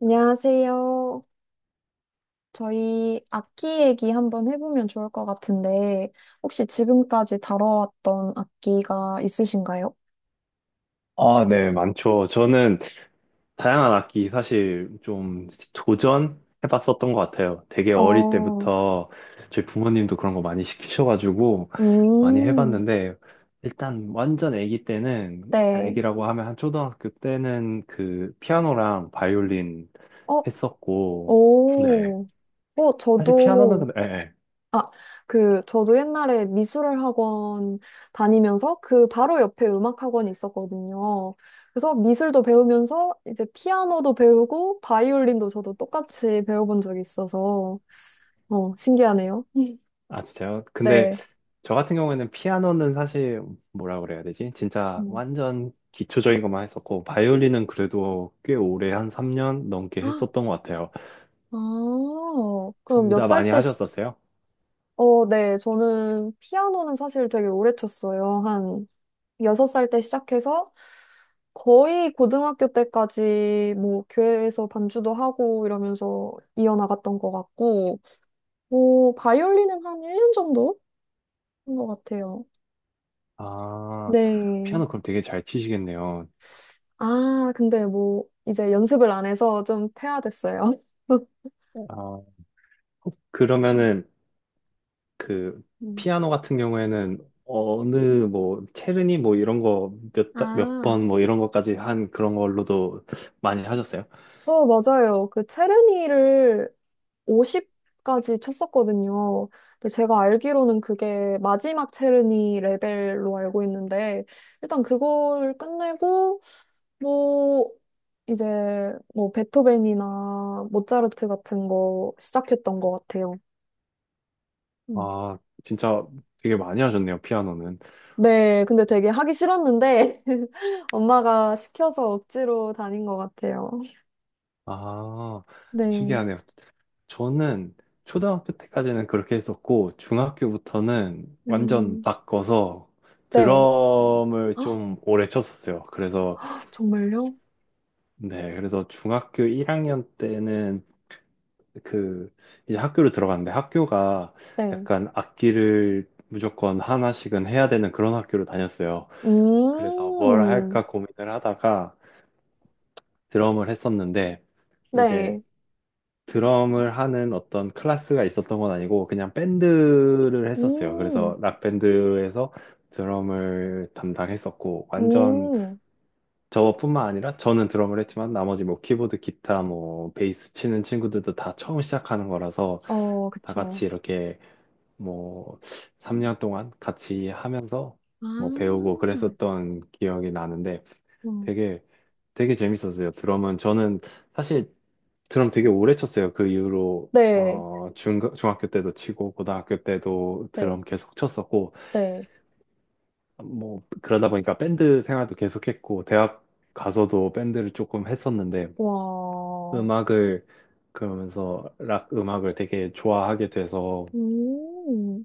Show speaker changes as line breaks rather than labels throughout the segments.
안녕하세요. 저희 악기 얘기 한번 해보면 좋을 것 같은데, 혹시 지금까지 다뤄왔던 악기가 있으신가요?
아, 네, 많죠. 저는 다양한 악기 사실 좀 도전해봤었던 것 같아요. 되게 어릴
어,
때부터 저희 부모님도 그런 거 많이 시키셔가지고 많이
음,
해봤는데, 일단 완전 아기 때는, 그러니까
네.
아기라고 하면 한 초등학교 때는 그 피아노랑 바이올린
어,
했었고, 네.
오. 어,
사실 피아노는
저도,
근데, 예, 예.
아, 그, 저도 옛날에 미술을 학원 다니면서 그 바로 옆에 음악 학원이 있었거든요. 그래서 미술도 배우면서 이제 피아노도 배우고 바이올린도 저도 똑같이 배워본 적이 있어서, 어, 신기하네요.
아, 진짜요? 근데
네.
저 같은 경우에는 피아노는 사실 뭐라 그래야 되지? 진짜
음.
완전 기초적인 것만 했었고 바이올린은 그래도 꽤 오래 한 3년 넘게
헉!
했었던 것 같아요.
아, 그럼
둘
몇
다
살
많이
때,
하셨었어요?
어, 네, 저는 피아노는 사실 되게 오래 쳤어요. 한 여섯 살 때 시작해서 거의 고등학교 때까지 뭐 교회에서 반주도 하고 이러면서 이어나갔던 것 같고, 뭐 바이올린은 한 1년 정도 한 것 같아요.
아,
네.
피아노 그럼 되게 잘 치시겠네요.
아, 근데 뭐 이제 연습을 안 해서 좀 퇴화됐어요.
네. 아, 그러면은 그
음.
피아노 같은 경우에는 어느 뭐 체르니 뭐 이런 거 몇
아,
번 뭐 이런 것까지 한 그런 걸로도 많이 하셨어요?
어, 맞아요. 그 체르니를 50까지 쳤었거든요. 근데 제가 알기로는 그게 마지막 체르니 레벨로 알고 있는데, 일단 그걸 끝내고, 뭐, 이제, 뭐, 베토벤이나 모차르트 같은 거 시작했던 것 같아요. 음.
아, 진짜 되게 많이 하셨네요, 피아노는.
네, 근데 되게 하기 싫었는데, 엄마가 시켜서 억지로 다닌 것 같아요.
아,
네,
신기하네요. 저는 초등학교 때까지는 그렇게 했었고, 중학교부터는 완전
음,
바꿔서
네.
드럼을 좀 오래 쳤었어요. 그래서,
아, 정말요?
네, 그래서 중학교 1학년 때는 그, 이제 학교를 들어갔는데 학교가
네.
약간 악기를 무조건 하나씩은 해야 되는 그런 학교로 다녔어요. 그래서 뭘
음,
할까 고민을 하다가 드럼을 했었는데, 이제
네.
드럼을 하는 어떤 클래스가 있었던 건 아니고 그냥 밴드를 했었어요.
음,
그래서 락밴드에서 드럼을 담당했었고 완전
음,
저뿐만 아니라 저는 드럼을 했지만 나머지 뭐 키보드, 기타, 뭐 베이스 치는 친구들도 다 처음 시작하는 거라서
어,
다
그쵸.
같이 이렇게 뭐 3년 동안 같이 하면서
아,
뭐 배우고 그랬었던 기억이 나는데 되게 되게 재밌었어요. 드럼은 저는 사실 드럼 되게 오래 쳤어요. 그 이후로
네,
중학교 때도 치고 고등학교 때도
네,
드럼 계속 쳤었고
네.
뭐 그러다 보니까 밴드 생활도 계속했고 대학 가서도 밴드를 조금 했었는데
와,
음악을 그러면서 락 음악을 되게 좋아하게 돼서
음,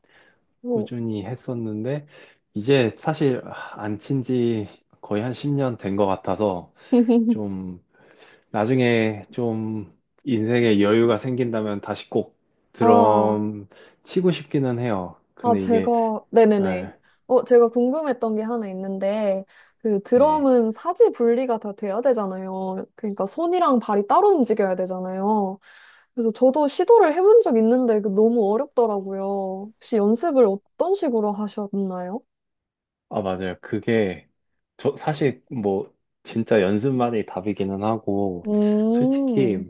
뭐.
꾸준히 했었는데 이제 사실 안 친지 거의 한 10년 된 것 같아서 좀 나중에 좀 인생에 여유가 생긴다면 다시 꼭
아,
드럼 치고 싶기는 해요.
아,
근데 이게,
제가, 네네네.
아,
어, 제가 궁금했던 게 하나 있는데, 그
네.
드럼은 사지 분리가 다 돼야 되잖아요. 그러니까 손이랑 발이 따로 움직여야 되잖아요. 그래서 저도 시도를 해본 적 있는데 그 너무 어렵더라고요. 혹시 연습을 어떤 식으로 하셨나요?
아, 맞아요. 그게, 저 사실 뭐, 진짜 연습만이 답이기는 하고, 솔직히
음,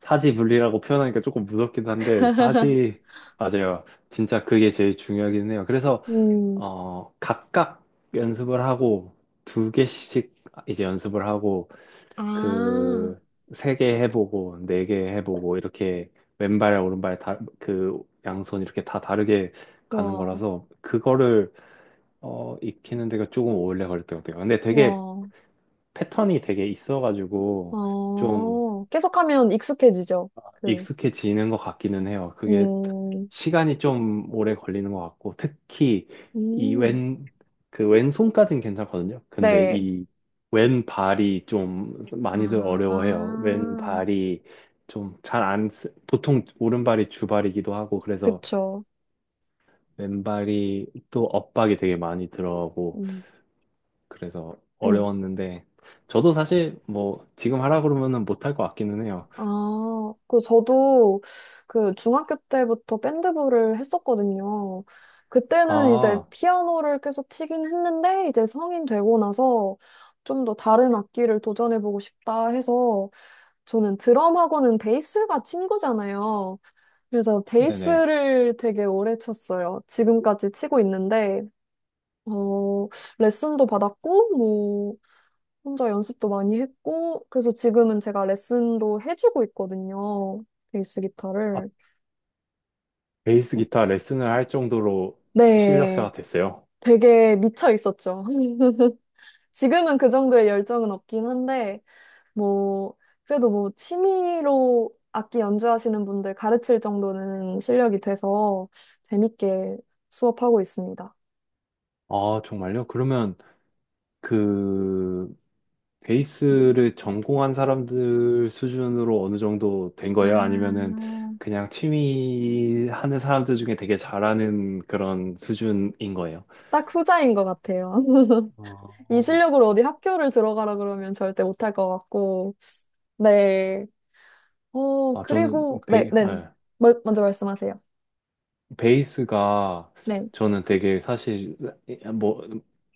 사지분리라고 표현하니까 조금 무섭긴 한데, 사지, 맞아요. 진짜 그게 제일 중요하긴 해요. 그래서,
음,
어, 각각 연습을 하고, 두 개씩 이제 연습을 하고,
아,
그 세 개 해보고 네 개 해보고 이렇게 왼발 오른발 다 그 양손 이렇게 다 다르게 가는
와,
거라서 그거를 어 익히는 데가 조금 오래 걸릴 것 같아요. 근데 되게
와,
패턴이 되게 있어가지고 좀
아. 계속하면 익숙해지죠. 그,
익숙해지는 것 같기는 해요. 그게
음,
시간이 좀 오래 걸리는 것 같고, 특히 이
음,
왼, 그 왼손까진 괜찮거든요. 근데
네.
이 왼발이 좀 많이들 어려워해요.
아,
왼발이 좀 잘 안, 쓰- 보통 오른발이 주발이기도 하고, 그래서
그쵸.
왼발이 또 엇박이 되게 많이 들어오고,
음,
그래서
음.
어려웠는데, 저도 사실 뭐 지금 하라 그러면은 못할 것 같기는 해요.
아, 그, 저도 그 중학교 때부터 밴드부를 했었거든요. 그때는 이제
아,
피아노를 계속 치긴 했는데, 이제 성인 되고 나서 좀 더 다른 악기를 도전해보고 싶다 해서, 저는 드럼하고는 베이스가 친구잖아요. 그래서
네네.
베이스를 되게 오래 쳤어요. 지금까지 치고 있는데, 어, 레슨도 받았고, 뭐, 혼자 연습도 많이 했고, 그래서 지금은 제가 레슨도 해주고 있거든요. 베이스 기타를.
베이스 기타 레슨을 할 정도로
네,
실력자가 됐어요.
되게 미쳐 있었죠. 지금은 그 정도의 열정은 없긴 한데, 뭐, 그래도 뭐, 취미로 악기 연주하시는 분들 가르칠 정도는 실력이 돼서 재밌게 수업하고 있습니다.
아, 정말요? 그러면 그 베이스를 전공한 사람들 수준으로 어느 정도 된 거예요?
아,
아니면은 그냥 취미 하는 사람들 중에 되게 잘하는 그런 수준인 거예요?
딱 후자인 것 같아요. 이
어,
실력으로 어디 학교를 들어가라 그러면 절대 못할 것 같고, 네. 어, 그리고, 네, 네.
예.
먼저 말씀하세요.
베이스가
네,
저는 되게 사실 뭐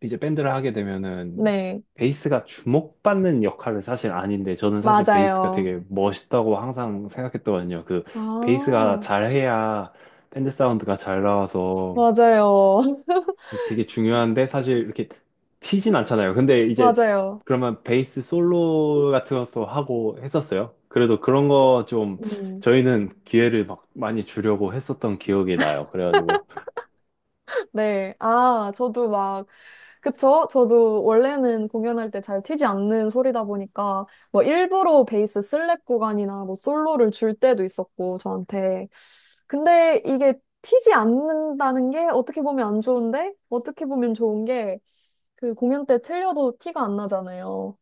이제 밴드를 하게 되면은
네.
베이스가 주목받는 역할은 사실 아닌데 저는 사실 베이스가
맞아요.
되게 멋있다고 항상 생각했거든요. 그
아,
베이스가 잘해야 밴드 사운드가 잘 나와서
맞아요.
그래서 되게 중요한데 사실 이렇게 튀진 않잖아요. 근데 이제
맞아요.
그러면 베이스 솔로 같은 것도 하고 했었어요. 그래도 그런 거 좀
음,
저희는 기회를 막 많이 주려고 했었던 기억이 나요. 그래가지고
네. 아, 저도 막, 그쵸? 저도 원래는 공연할 때 잘 튀지 않는 소리다 보니까, 뭐, 일부러 베이스 슬랩 구간이나 뭐, 솔로를 줄 때도 있었고, 저한테. 근데 이게 튀지 않는다는 게 어떻게 보면 안 좋은데, 어떻게 보면 좋은 게, 그 공연 때 틀려도 티가 안 나잖아요.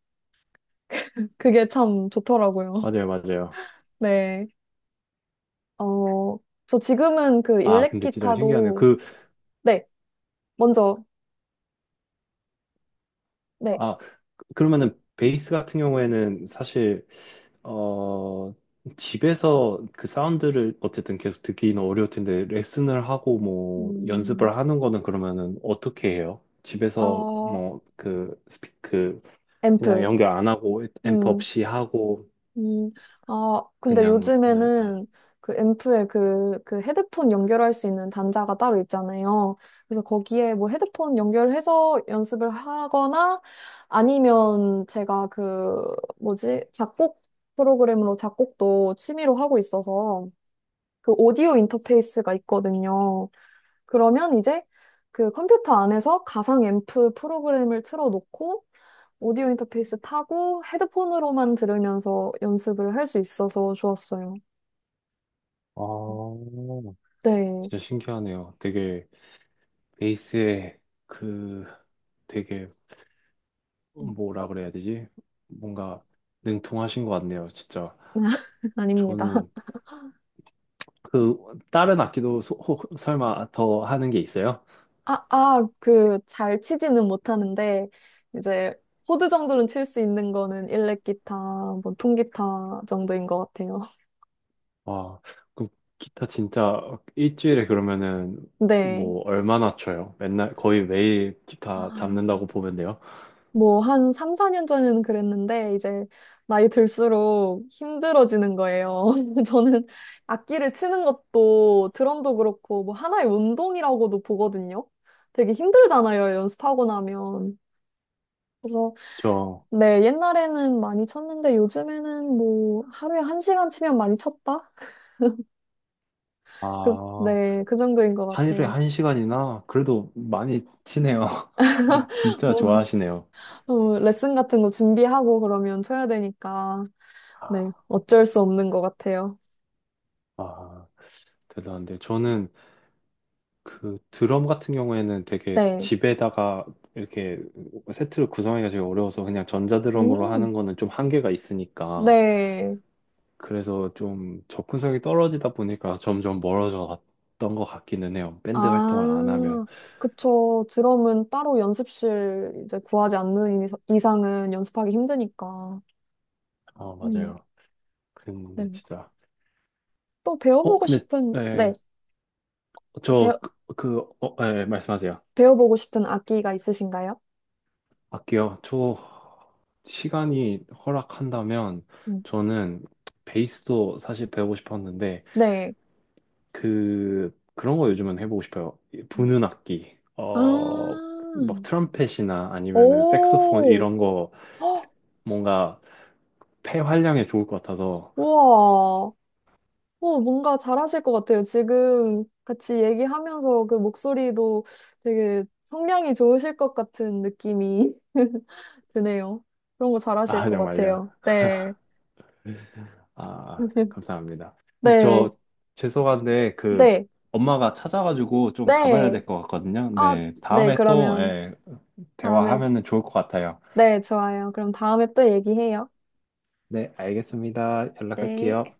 그게 참 좋더라고요.
맞아요, 맞아요.
네. 어, 저 지금은 그
아,
일렉
근데 진짜 신기하네요.
기타도,
그,
네, 먼저, 네,
아, 그러면은 베이스 같은 경우에는 사실, 어, 집에서 그 사운드를 어쨌든 계속 듣기는 어려울 텐데, 레슨을 하고 뭐
음,
연습을 하는 거는 그러면은 어떻게 해요? 집에서
아,
뭐 그 스피크 그냥
앰프.
연결 안 하고 앰프
음,
없이 하고
음, 아, 근데
그냥 하나요? 네.
요즘에는 그 앰프에 그, 그 헤드폰 연결할 수 있는 단자가 따로 있잖아요. 그래서 거기에 뭐 헤드폰 연결해서 연습을 하거나 아니면 제가 그, 뭐지, 작곡 프로그램으로 작곡도 취미로 하고 있어서 그 오디오 인터페이스가 있거든요. 그러면 이제 그 컴퓨터 안에서 가상 앰프 프로그램을 틀어놓고 오디오 인터페이스 타고 헤드폰으로만 들으면서 연습을 할 수 있어서 좋았어요.
아,
네.
진짜 신기하네요. 되게 베이스에 그 되게
음.
뭐라 그래야 되지? 뭔가 능통하신 것 같네요, 진짜.
아닙니다.
저는 그 다른 악기도 설마 더 하는 게 있어요?
아, 아, 그, 잘 치지는 못하는데, 이제, 코드 정도는 칠 수 있는 거는 일렉기타, 뭐, 통기타 정도인 것 같아요.
와, 그 기타 진짜 일주일에 그러면은
네.
뭐 얼마나 쳐요? 맨날 거의 매일 기타
아.
잡는다고 보면 돼요.
뭐, 한 3, 4년 전에는 그랬는데, 이제, 나이 들수록 힘들어지는 거예요. 저는 악기를 치는 것도, 드럼도 그렇고, 뭐, 하나의 운동이라고도 보거든요. 되게 힘들잖아요, 연습하고 나면. 그래서,
저,
네, 옛날에는 많이 쳤는데, 요즘에는 뭐, 하루에 한 시간 치면 많이 쳤다? 그,
아,
네, 그 정도인 것
하루에
같아요.
한 시간이나 그래도 많이 치네요. 진짜
뭐,
좋아하시네요.
어, 레슨 같은 거 준비하고 그러면 쳐야 되니까,
아,
네, 어쩔 수 없는 것 같아요.
아, 대단한데 저는 그 드럼 같은 경우에는 되게
네.
집에다가 이렇게 세트를 구성하기가 되게 어려워서 그냥 전자드럼으로
음.
하는 거는 좀 한계가 있으니까
네.
그래서 좀 접근성이 떨어지다 보니까 점점 멀어져 갔던 것 같기는 해요. 밴드 활동을 안 하면.
아, 그쵸. 드럼은 따로 연습실 이제 구하지 않는 이상은 연습하기 힘드니까.
아,
음,
맞아요. 그랬는데
네.
진짜.
또
어,
배워보고
근데
싶은, 네.
예, 저
배,
그, 그 어, 예, 예, 말씀하세요.
배워보고 싶은 악기가 있으신가요?
할게요. 저 시간이 허락한다면
음,
저는 베이스도 사실 배우고 싶었는데
네.
그런 거 요즘은 해보고 싶어요. 부는 악기, 어,
아,
막 트럼펫이나 아니면은 색소폰
오,
이런 거
헉,
뭔가 폐 활량에 좋을 것 같아서
우와. 어, 뭔가 잘하실 것 같아요. 지금 같이 얘기하면서 그 목소리도 되게 성량이 좋으실 것 같은 느낌이 드네요. 그런 거 잘하실
아
것
정말요.
같아요. 네.
아 감사합니다.
네.
저 죄송한데 그
네.
엄마가 찾아가지고 좀 가봐야
네.
될 것 같거든요.
아,
네
네.
다음에 또
그러면
예,
다음에,
대화하면은 좋을 것 같아요.
네, 좋아요. 그럼 다음에 또 얘기해요.
네 알겠습니다.
네.
연락할게요.